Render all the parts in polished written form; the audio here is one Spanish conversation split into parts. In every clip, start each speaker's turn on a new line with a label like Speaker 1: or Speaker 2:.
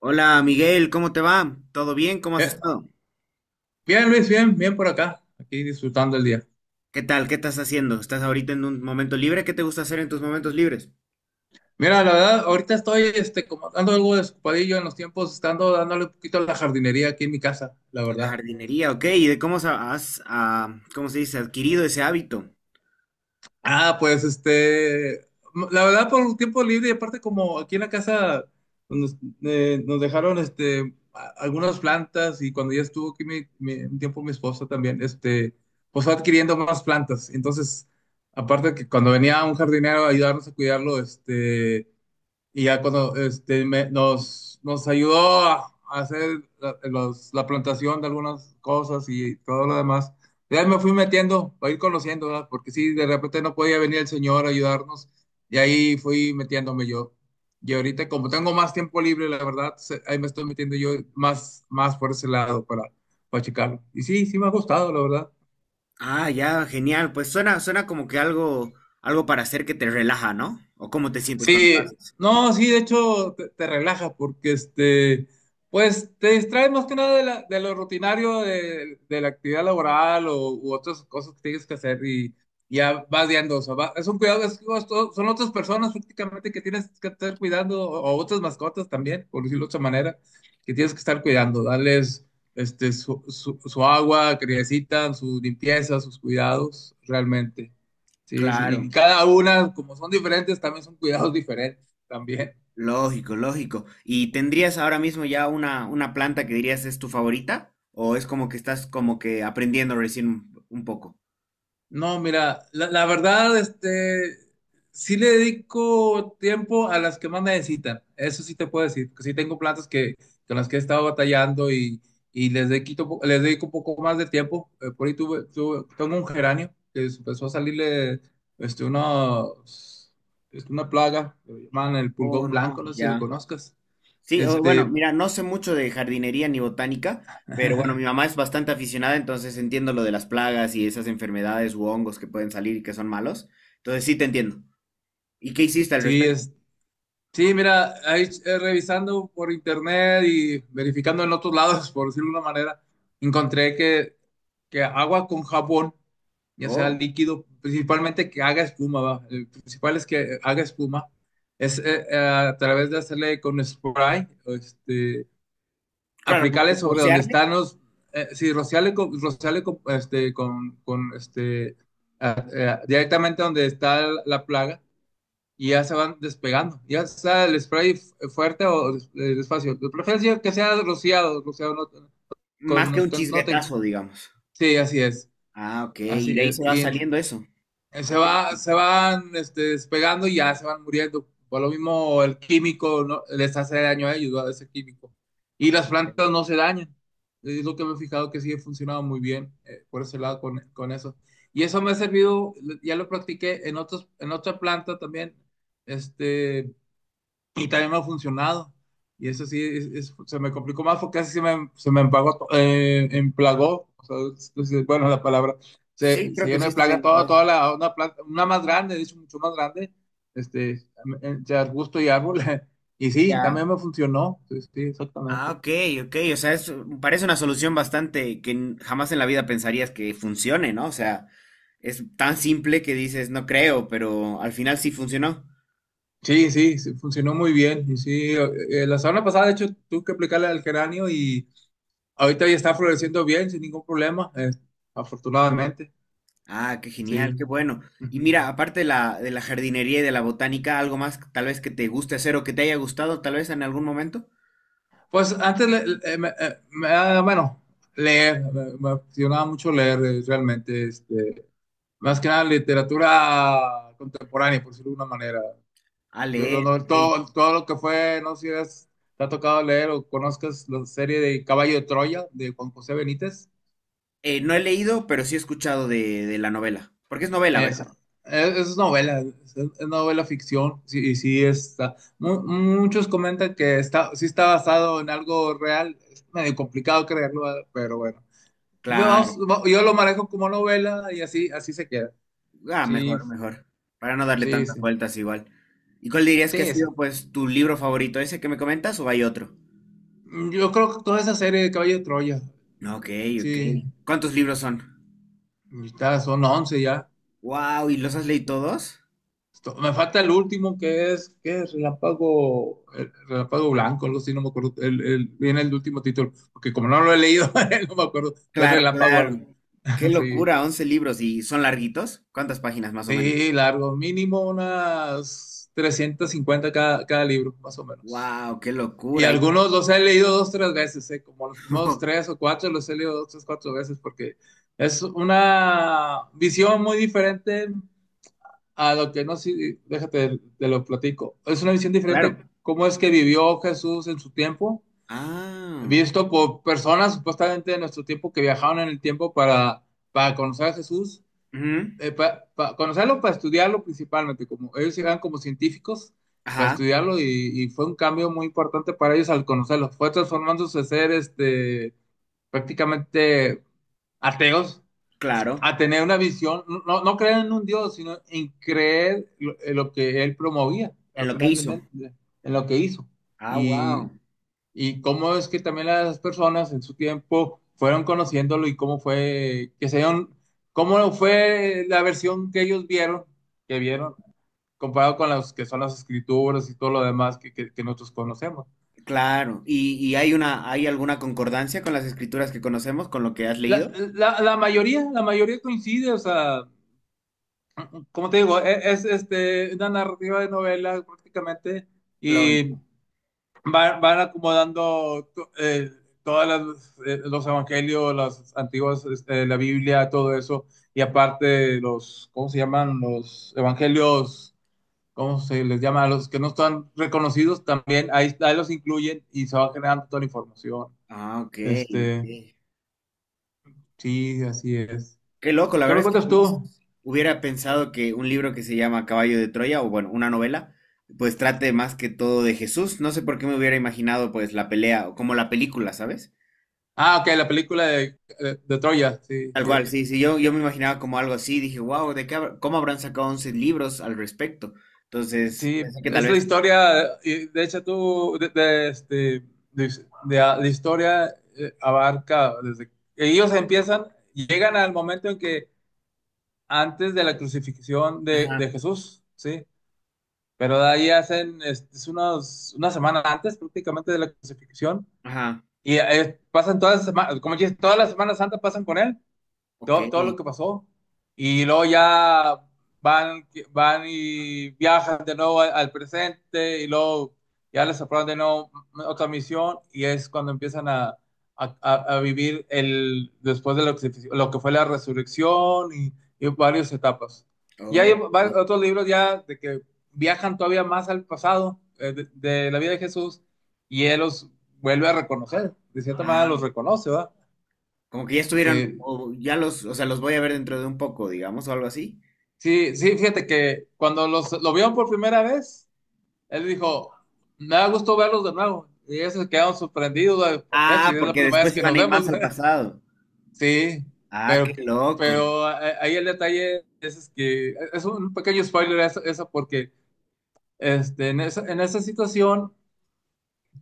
Speaker 1: Hola Miguel, ¿cómo te va? ¿Todo bien? ¿Cómo has
Speaker 2: Bien,
Speaker 1: estado?
Speaker 2: bien, Luis, bien, bien por acá, aquí disfrutando el día.
Speaker 1: ¿Qué tal? ¿Qué estás haciendo? ¿Estás ahorita en un momento libre? ¿Qué te gusta hacer en tus momentos libres?
Speaker 2: Mira, la verdad, ahorita estoy como ando algo desocupadillo en los tiempos, estando dándole un poquito a la jardinería aquí en mi casa, la
Speaker 1: La
Speaker 2: verdad.
Speaker 1: jardinería, ok. ¿Y de cómo sa- has, ah, cómo se dice, adquirido ese hábito?
Speaker 2: Ah, pues la verdad, por un tiempo libre, y aparte, como aquí en la casa nos, nos dejaron algunas plantas, y cuando ya estuvo aquí un tiempo mi esposa también, pues fue adquiriendo más plantas. Entonces, aparte que cuando venía un jardinero a ayudarnos a cuidarlo, y ya cuando nos ayudó a hacer la plantación de algunas cosas y todo lo demás. Ya me fui metiendo, a ir conociendo, ¿verdad? Porque sí, de repente no podía venir el señor a ayudarnos y ahí fui metiéndome yo. Y ahorita como tengo más tiempo libre, la verdad, ahí me estoy metiendo yo más por ese lado para checarlo. Y sí, sí me ha gustado, la verdad.
Speaker 1: Ah, ya, genial. Pues suena como que algo para hacer que te relaja, ¿no? ¿O cómo te sientes cuando
Speaker 2: Sí,
Speaker 1: pasas?
Speaker 2: no, sí, de hecho te relaja porque pues te distraes más que nada de lo rutinario de la actividad laboral u otras cosas que tienes que hacer y ya vas viendo, o sea, es un cuidado, son otras personas prácticamente que tienes que estar cuidando o otras mascotas también, por decirlo de otra manera, que tienes que estar cuidando, darles su agua, que necesitan, su limpieza, sus cuidados, realmente. Sí, sí, y
Speaker 1: Claro,
Speaker 2: cada una, como son diferentes, también son cuidados diferentes también.
Speaker 1: lógico, lógico. ¿Y tendrías ahora mismo ya una planta que dirías es tu favorita? ¿O es como que estás como que aprendiendo recién un poco?
Speaker 2: No, mira, la verdad, sí le dedico tiempo a las que más necesitan. Eso sí te puedo decir, que sí tengo plantas que, con las que he estado batallando y les dedico, les dedico un poco más de tiempo. Por ahí tengo un geranio que empezó a salirle este, unos- una plaga, lo llaman el
Speaker 1: Oh,
Speaker 2: pulgón blanco,
Speaker 1: no,
Speaker 2: no sé si
Speaker 1: ya.
Speaker 2: lo conozcas.
Speaker 1: Sí, bueno,
Speaker 2: Este,
Speaker 1: mira, no sé mucho de jardinería ni botánica, pero bueno, mi mamá es bastante aficionada, entonces entiendo lo de las plagas y esas enfermedades u hongos que pueden salir y que son malos. Entonces sí te entiendo. ¿Y qué hiciste al
Speaker 2: Sí,
Speaker 1: respecto?
Speaker 2: sí, mira, ahí revisando por internet y verificando en otros lados, por decirlo de una manera, encontré que, agua con jabón, ya sea
Speaker 1: Oh,
Speaker 2: líquido, principalmente que haga espuma, ¿va? El principal es que haga espuma, es a través de hacerle con spray,
Speaker 1: claro, como
Speaker 2: aplicarle
Speaker 1: que
Speaker 2: sobre donde
Speaker 1: rociarle
Speaker 2: están los, sí, rociarle con, directamente donde está la plaga y ya se van despegando. Ya sea el spray fuerte o despacio. De preferencia que sea rociado, rociado no, con,
Speaker 1: más que
Speaker 2: no,
Speaker 1: un
Speaker 2: no tenga.
Speaker 1: chisguetazo, digamos.
Speaker 2: Sí, así es,
Speaker 1: Ah, ok, y
Speaker 2: así
Speaker 1: de ahí se
Speaker 2: es.
Speaker 1: va
Speaker 2: Y
Speaker 1: saliendo eso. Ah, ok.
Speaker 2: se van despegando y ya se van muriendo. Por lo mismo el químico no, les hace daño a ellos, ¿verdad? Ese químico. Y las plantas no se dañan. Es lo que me he fijado que sí ha funcionado muy bien por ese lado con eso. Y eso me ha servido, ya lo practiqué en otra planta también, este, y también me ha funcionado. Y eso sí, se me complicó más porque así se me empagó, emplagó, o sea, bueno, la palabra,
Speaker 1: Sí,
Speaker 2: se
Speaker 1: creo que
Speaker 2: llenó
Speaker 1: sí
Speaker 2: de
Speaker 1: está
Speaker 2: plaga
Speaker 1: bien
Speaker 2: toda,
Speaker 1: usado.
Speaker 2: toda una planta, una más grande, de hecho, mucho más grande, este, entre arbusto y árbol. Y sí,
Speaker 1: Ya.
Speaker 2: también me funcionó, sí, sí,
Speaker 1: Ah,
Speaker 2: exactamente.
Speaker 1: ok, ok. O sea, parece una solución bastante que jamás en la vida pensarías que funcione, ¿no? O sea, es tan simple que dices, no creo, pero al final sí funcionó.
Speaker 2: Sí, sí, sí, funcionó muy bien. Y sí, la semana pasada, de hecho, tuve que aplicarle al geranio y ahorita ya está floreciendo bien, sin ningún problema, afortunadamente.
Speaker 1: Ah, qué
Speaker 2: Sí.
Speaker 1: genial, qué bueno. Y
Speaker 2: Ujú.
Speaker 1: mira, aparte de de la jardinería y de la botánica, algo más tal vez que te guste hacer o que te haya gustado tal vez en algún momento.
Speaker 2: Pues antes, bueno, leer, me apasionaba mucho leer realmente, más que nada literatura contemporánea, por decirlo de una manera.
Speaker 1: Ah, leer, ok.
Speaker 2: Todo lo que fue, no sé si te ha tocado leer o conozcas la serie de Caballo de Troya de Juan José Benítez.
Speaker 1: No he leído, pero sí he escuchado de la novela. Porque es novela,
Speaker 2: Eso,
Speaker 1: ¿verdad?
Speaker 2: es novela, es novela ficción, sí, y sí está. Muchos comentan que está, sí está basado en algo real, es medio complicado creerlo, pero bueno.
Speaker 1: Claro.
Speaker 2: Yo lo manejo como novela y así, así se queda.
Speaker 1: Ah,
Speaker 2: Sí,
Speaker 1: mejor, mejor. Para no darle
Speaker 2: sí,
Speaker 1: tantas
Speaker 2: sí.
Speaker 1: vueltas igual. ¿Y cuál dirías que ha
Speaker 2: Sí, sí.
Speaker 1: sido, pues, tu libro favorito? ¿Ese que me comentas o hay otro?
Speaker 2: Yo creo que toda esa serie de Caballo de Troya,
Speaker 1: Ok, ok.
Speaker 2: sí,
Speaker 1: ¿Cuántos libros son?
Speaker 2: son 11 ya.
Speaker 1: Wow, ¿y los has leído todos?
Speaker 2: Me falta el último que es, Relámpago, Relámpago Blanco, algo así, no me acuerdo. Viene el último título, porque como no lo he leído, no me acuerdo. Es
Speaker 1: Claro,
Speaker 2: Relámpago algo.
Speaker 1: claro. Qué
Speaker 2: Sí,
Speaker 1: locura, 11 libros. ¿Y son larguitos? ¿Cuántas páginas más o menos?
Speaker 2: sí, largo, mínimo unas 350 cada libro, más o menos.
Speaker 1: Wow, qué
Speaker 2: Y
Speaker 1: locura. Y-
Speaker 2: algunos los he leído dos, tres veces, ¿eh? Como los primeros tres o cuatro los he leído dos, tres, cuatro veces, porque es una visión muy diferente a lo que, no sé, déjate, te lo platico. Es una visión
Speaker 1: Claro.
Speaker 2: diferente cómo es que vivió Jesús en su tiempo,
Speaker 1: Ah,
Speaker 2: visto por personas supuestamente de nuestro tiempo que viajaron en el tiempo para conocer a Jesús
Speaker 1: ujú,
Speaker 2: conocerlo para estudiarlo principalmente, como ellos llegan como científicos para
Speaker 1: ajá,
Speaker 2: estudiarlo y fue un cambio muy importante para ellos al conocerlo. Fue transformándose de ser prácticamente ateos
Speaker 1: claro.
Speaker 2: a tener una visión, no, no no creer en un Dios, sino en creer en lo que él promovía,
Speaker 1: En
Speaker 2: al
Speaker 1: lo que
Speaker 2: final de
Speaker 1: hizo.
Speaker 2: en lo que hizo.
Speaker 1: Ah, wow.
Speaker 2: Y y cómo es que también las personas en su tiempo fueron conociéndolo y cómo fue que se dieron, cómo fue la versión que ellos vieron, comparado con las que son las escrituras y todo lo demás que nosotros conocemos.
Speaker 1: Claro. Y hay hay alguna concordancia con las escrituras que conocemos, con lo que has
Speaker 2: La,
Speaker 1: leído?
Speaker 2: la- la mayoría coincide, o sea, como te digo, es, una narrativa de novela prácticamente
Speaker 1: Claro.
Speaker 2: y van acomodando eh, todos los evangelios, las antiguas, la Biblia, todo eso, y aparte los, ¿cómo se llaman? Los evangelios, ¿cómo se les llama? A los que no están reconocidos también, ahí los incluyen y se va generando toda la información.
Speaker 1: Ah, ok, ok.
Speaker 2: Este, sí, así es.
Speaker 1: Qué loco, la
Speaker 2: ¿Qué
Speaker 1: verdad
Speaker 2: me
Speaker 1: es que
Speaker 2: cuentas
Speaker 1: jamás
Speaker 2: tú?
Speaker 1: hubiera pensado que un libro que se llama Caballo de Troya, o bueno, una novela, pues trate más que todo de Jesús. No sé por qué me hubiera imaginado pues la pelea, o como la película, ¿sabes?
Speaker 2: Ah, ok, la película de Troya, sí,
Speaker 1: Tal
Speaker 2: sí.
Speaker 1: cual, sí, sí, yo me imaginaba como algo así, dije, wow, ¿de qué cómo habrán sacado 11 libros al respecto? Entonces,
Speaker 2: Sí,
Speaker 1: pensé que tal
Speaker 2: es la
Speaker 1: vez...
Speaker 2: historia, y de hecho tú, de, este, de- de- la historia abarca desde ellos empiezan, llegan al momento en que antes de la crucifixión de,
Speaker 1: Ajá,
Speaker 2: de Jesús, ¿sí? Pero de ahí hacen, una semana antes prácticamente de la crucifixión,
Speaker 1: ajá,
Speaker 2: y pasan todas las semanas, como dices, todas las semanas Santa pasan con él,
Speaker 1: ok.
Speaker 2: todo lo que pasó. Y luego ya van y viajan de nuevo al presente y luego ya les aprueban de nuevo otra misión y es cuando empiezan a vivir después de lo que, fue la resurrección y varias etapas. Y hay
Speaker 1: Oh, sí.
Speaker 2: otros libros ya de que viajan todavía más al pasado de la vida de Jesús y él los vuelve a reconocer, de cierta manera
Speaker 1: Ah,
Speaker 2: los reconoce, ¿verdad?
Speaker 1: como que ya estuvieran,
Speaker 2: Sí,
Speaker 1: o ya los, o sea, los voy a ver dentro de un poco, digamos, o algo así.
Speaker 2: sí, sí, fíjate que cuando lo vieron por primera vez, él dijo, me da gusto verlos de nuevo. Y ellos se quedaron sorprendidos, güey, ¿por qué? Si
Speaker 1: Ah,
Speaker 2: es la
Speaker 1: porque
Speaker 2: primera vez
Speaker 1: después
Speaker 2: que
Speaker 1: iban
Speaker 2: nos
Speaker 1: a ir
Speaker 2: vemos.
Speaker 1: más al pasado.
Speaker 2: Sí,
Speaker 1: Ah, qué
Speaker 2: pero,
Speaker 1: loco.
Speaker 2: pero, ahí el detalle es que es un pequeño spoiler eso porque en esa, situación,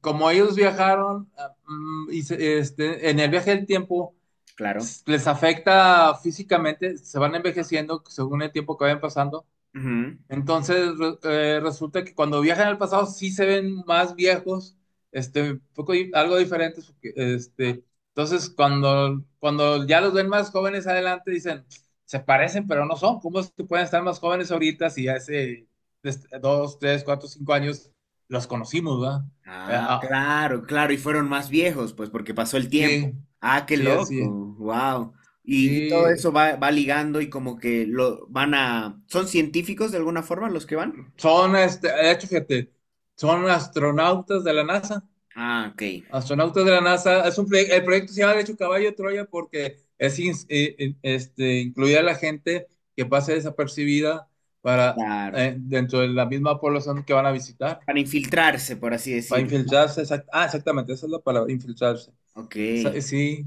Speaker 2: como ellos viajaron y en el viaje del tiempo,
Speaker 1: Claro.
Speaker 2: les afecta físicamente, se van envejeciendo según el tiempo que vayan pasando.
Speaker 1: Ujú.
Speaker 2: Entonces, resulta que cuando viajan al pasado sí se ven más viejos, un poco, algo diferentes, porque, entonces cuando ya los ven más jóvenes adelante dicen, se parecen, pero no son, ¿cómo es que pueden estar más jóvenes ahorita si hace dos, tres, cuatro, cinco años los conocimos, ¿verdad?
Speaker 1: Ah,
Speaker 2: Ah,
Speaker 1: claro, claro. Y fueron más viejos, pues, porque pasó el tiempo.
Speaker 2: sí,
Speaker 1: Ah, qué
Speaker 2: sí, así,
Speaker 1: loco.
Speaker 2: es.
Speaker 1: Wow. Y todo
Speaker 2: Sí,
Speaker 1: eso va, va ligando y como que lo van a... ¿Son científicos de alguna forma los que van?
Speaker 2: de hecho, fíjate, son astronautas de la NASA.
Speaker 1: Ah, ok.
Speaker 2: Astronautas de la NASA, es un el proyecto se llama de hecho Caballo de Troya porque es incluir a la gente que pase desapercibida para
Speaker 1: Claro.
Speaker 2: dentro de la misma población que van a visitar,
Speaker 1: Para infiltrarse, por así
Speaker 2: para
Speaker 1: decirlo, ¿no?
Speaker 2: infiltrarse, exactamente, esa es la palabra, infiltrarse.
Speaker 1: Ok.
Speaker 2: Sí,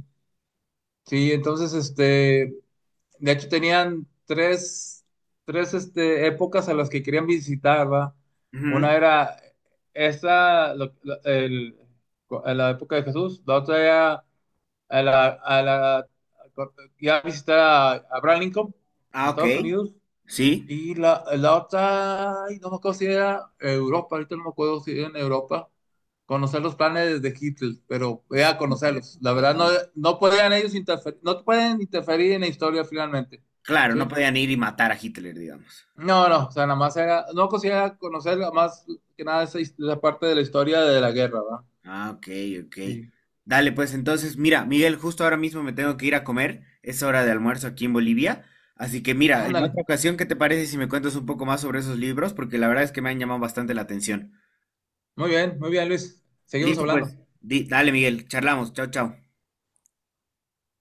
Speaker 2: sí, entonces, de hecho tenían tres épocas a las que querían visitar, ¿va?
Speaker 1: Ujú.
Speaker 2: Una era esa, la época de Jesús, la otra era a la, a la, y a visitar a Abraham Lincoln en
Speaker 1: Ah, ok.
Speaker 2: Estados Unidos.
Speaker 1: Sí.
Speaker 2: Y la otra, ay, no me acuerdo si era Europa, ahorita no me acuerdo si era en Europa, conocer los planes de Hitler, pero voy
Speaker 1: Dije,
Speaker 2: a
Speaker 1: Hitler,
Speaker 2: conocerlos. La
Speaker 1: ok.
Speaker 2: verdad, no, no podían ellos interferir, no pueden interferir en la historia finalmente,
Speaker 1: Claro,
Speaker 2: ¿sí?
Speaker 1: no podían ir y matar a Hitler, digamos.
Speaker 2: No, no, o sea, nada más era, no quisiera conocer más que nada esa parte de la historia de la guerra, ¿va?
Speaker 1: Ah, ok, ok.
Speaker 2: Sí.
Speaker 1: Dale, pues entonces, mira, Miguel, justo ahora mismo me tengo que ir a comer. Es hora de almuerzo aquí en Bolivia. Así que mira, en
Speaker 2: Ándale,
Speaker 1: otra ocasión, ¿qué te parece si me cuentas un poco más sobre esos libros? Porque la verdad es que me han llamado bastante la atención.
Speaker 2: muy bien, Luis, seguimos
Speaker 1: Listo,
Speaker 2: hablando.
Speaker 1: pues. Dale, Miguel, charlamos. Chao, chao.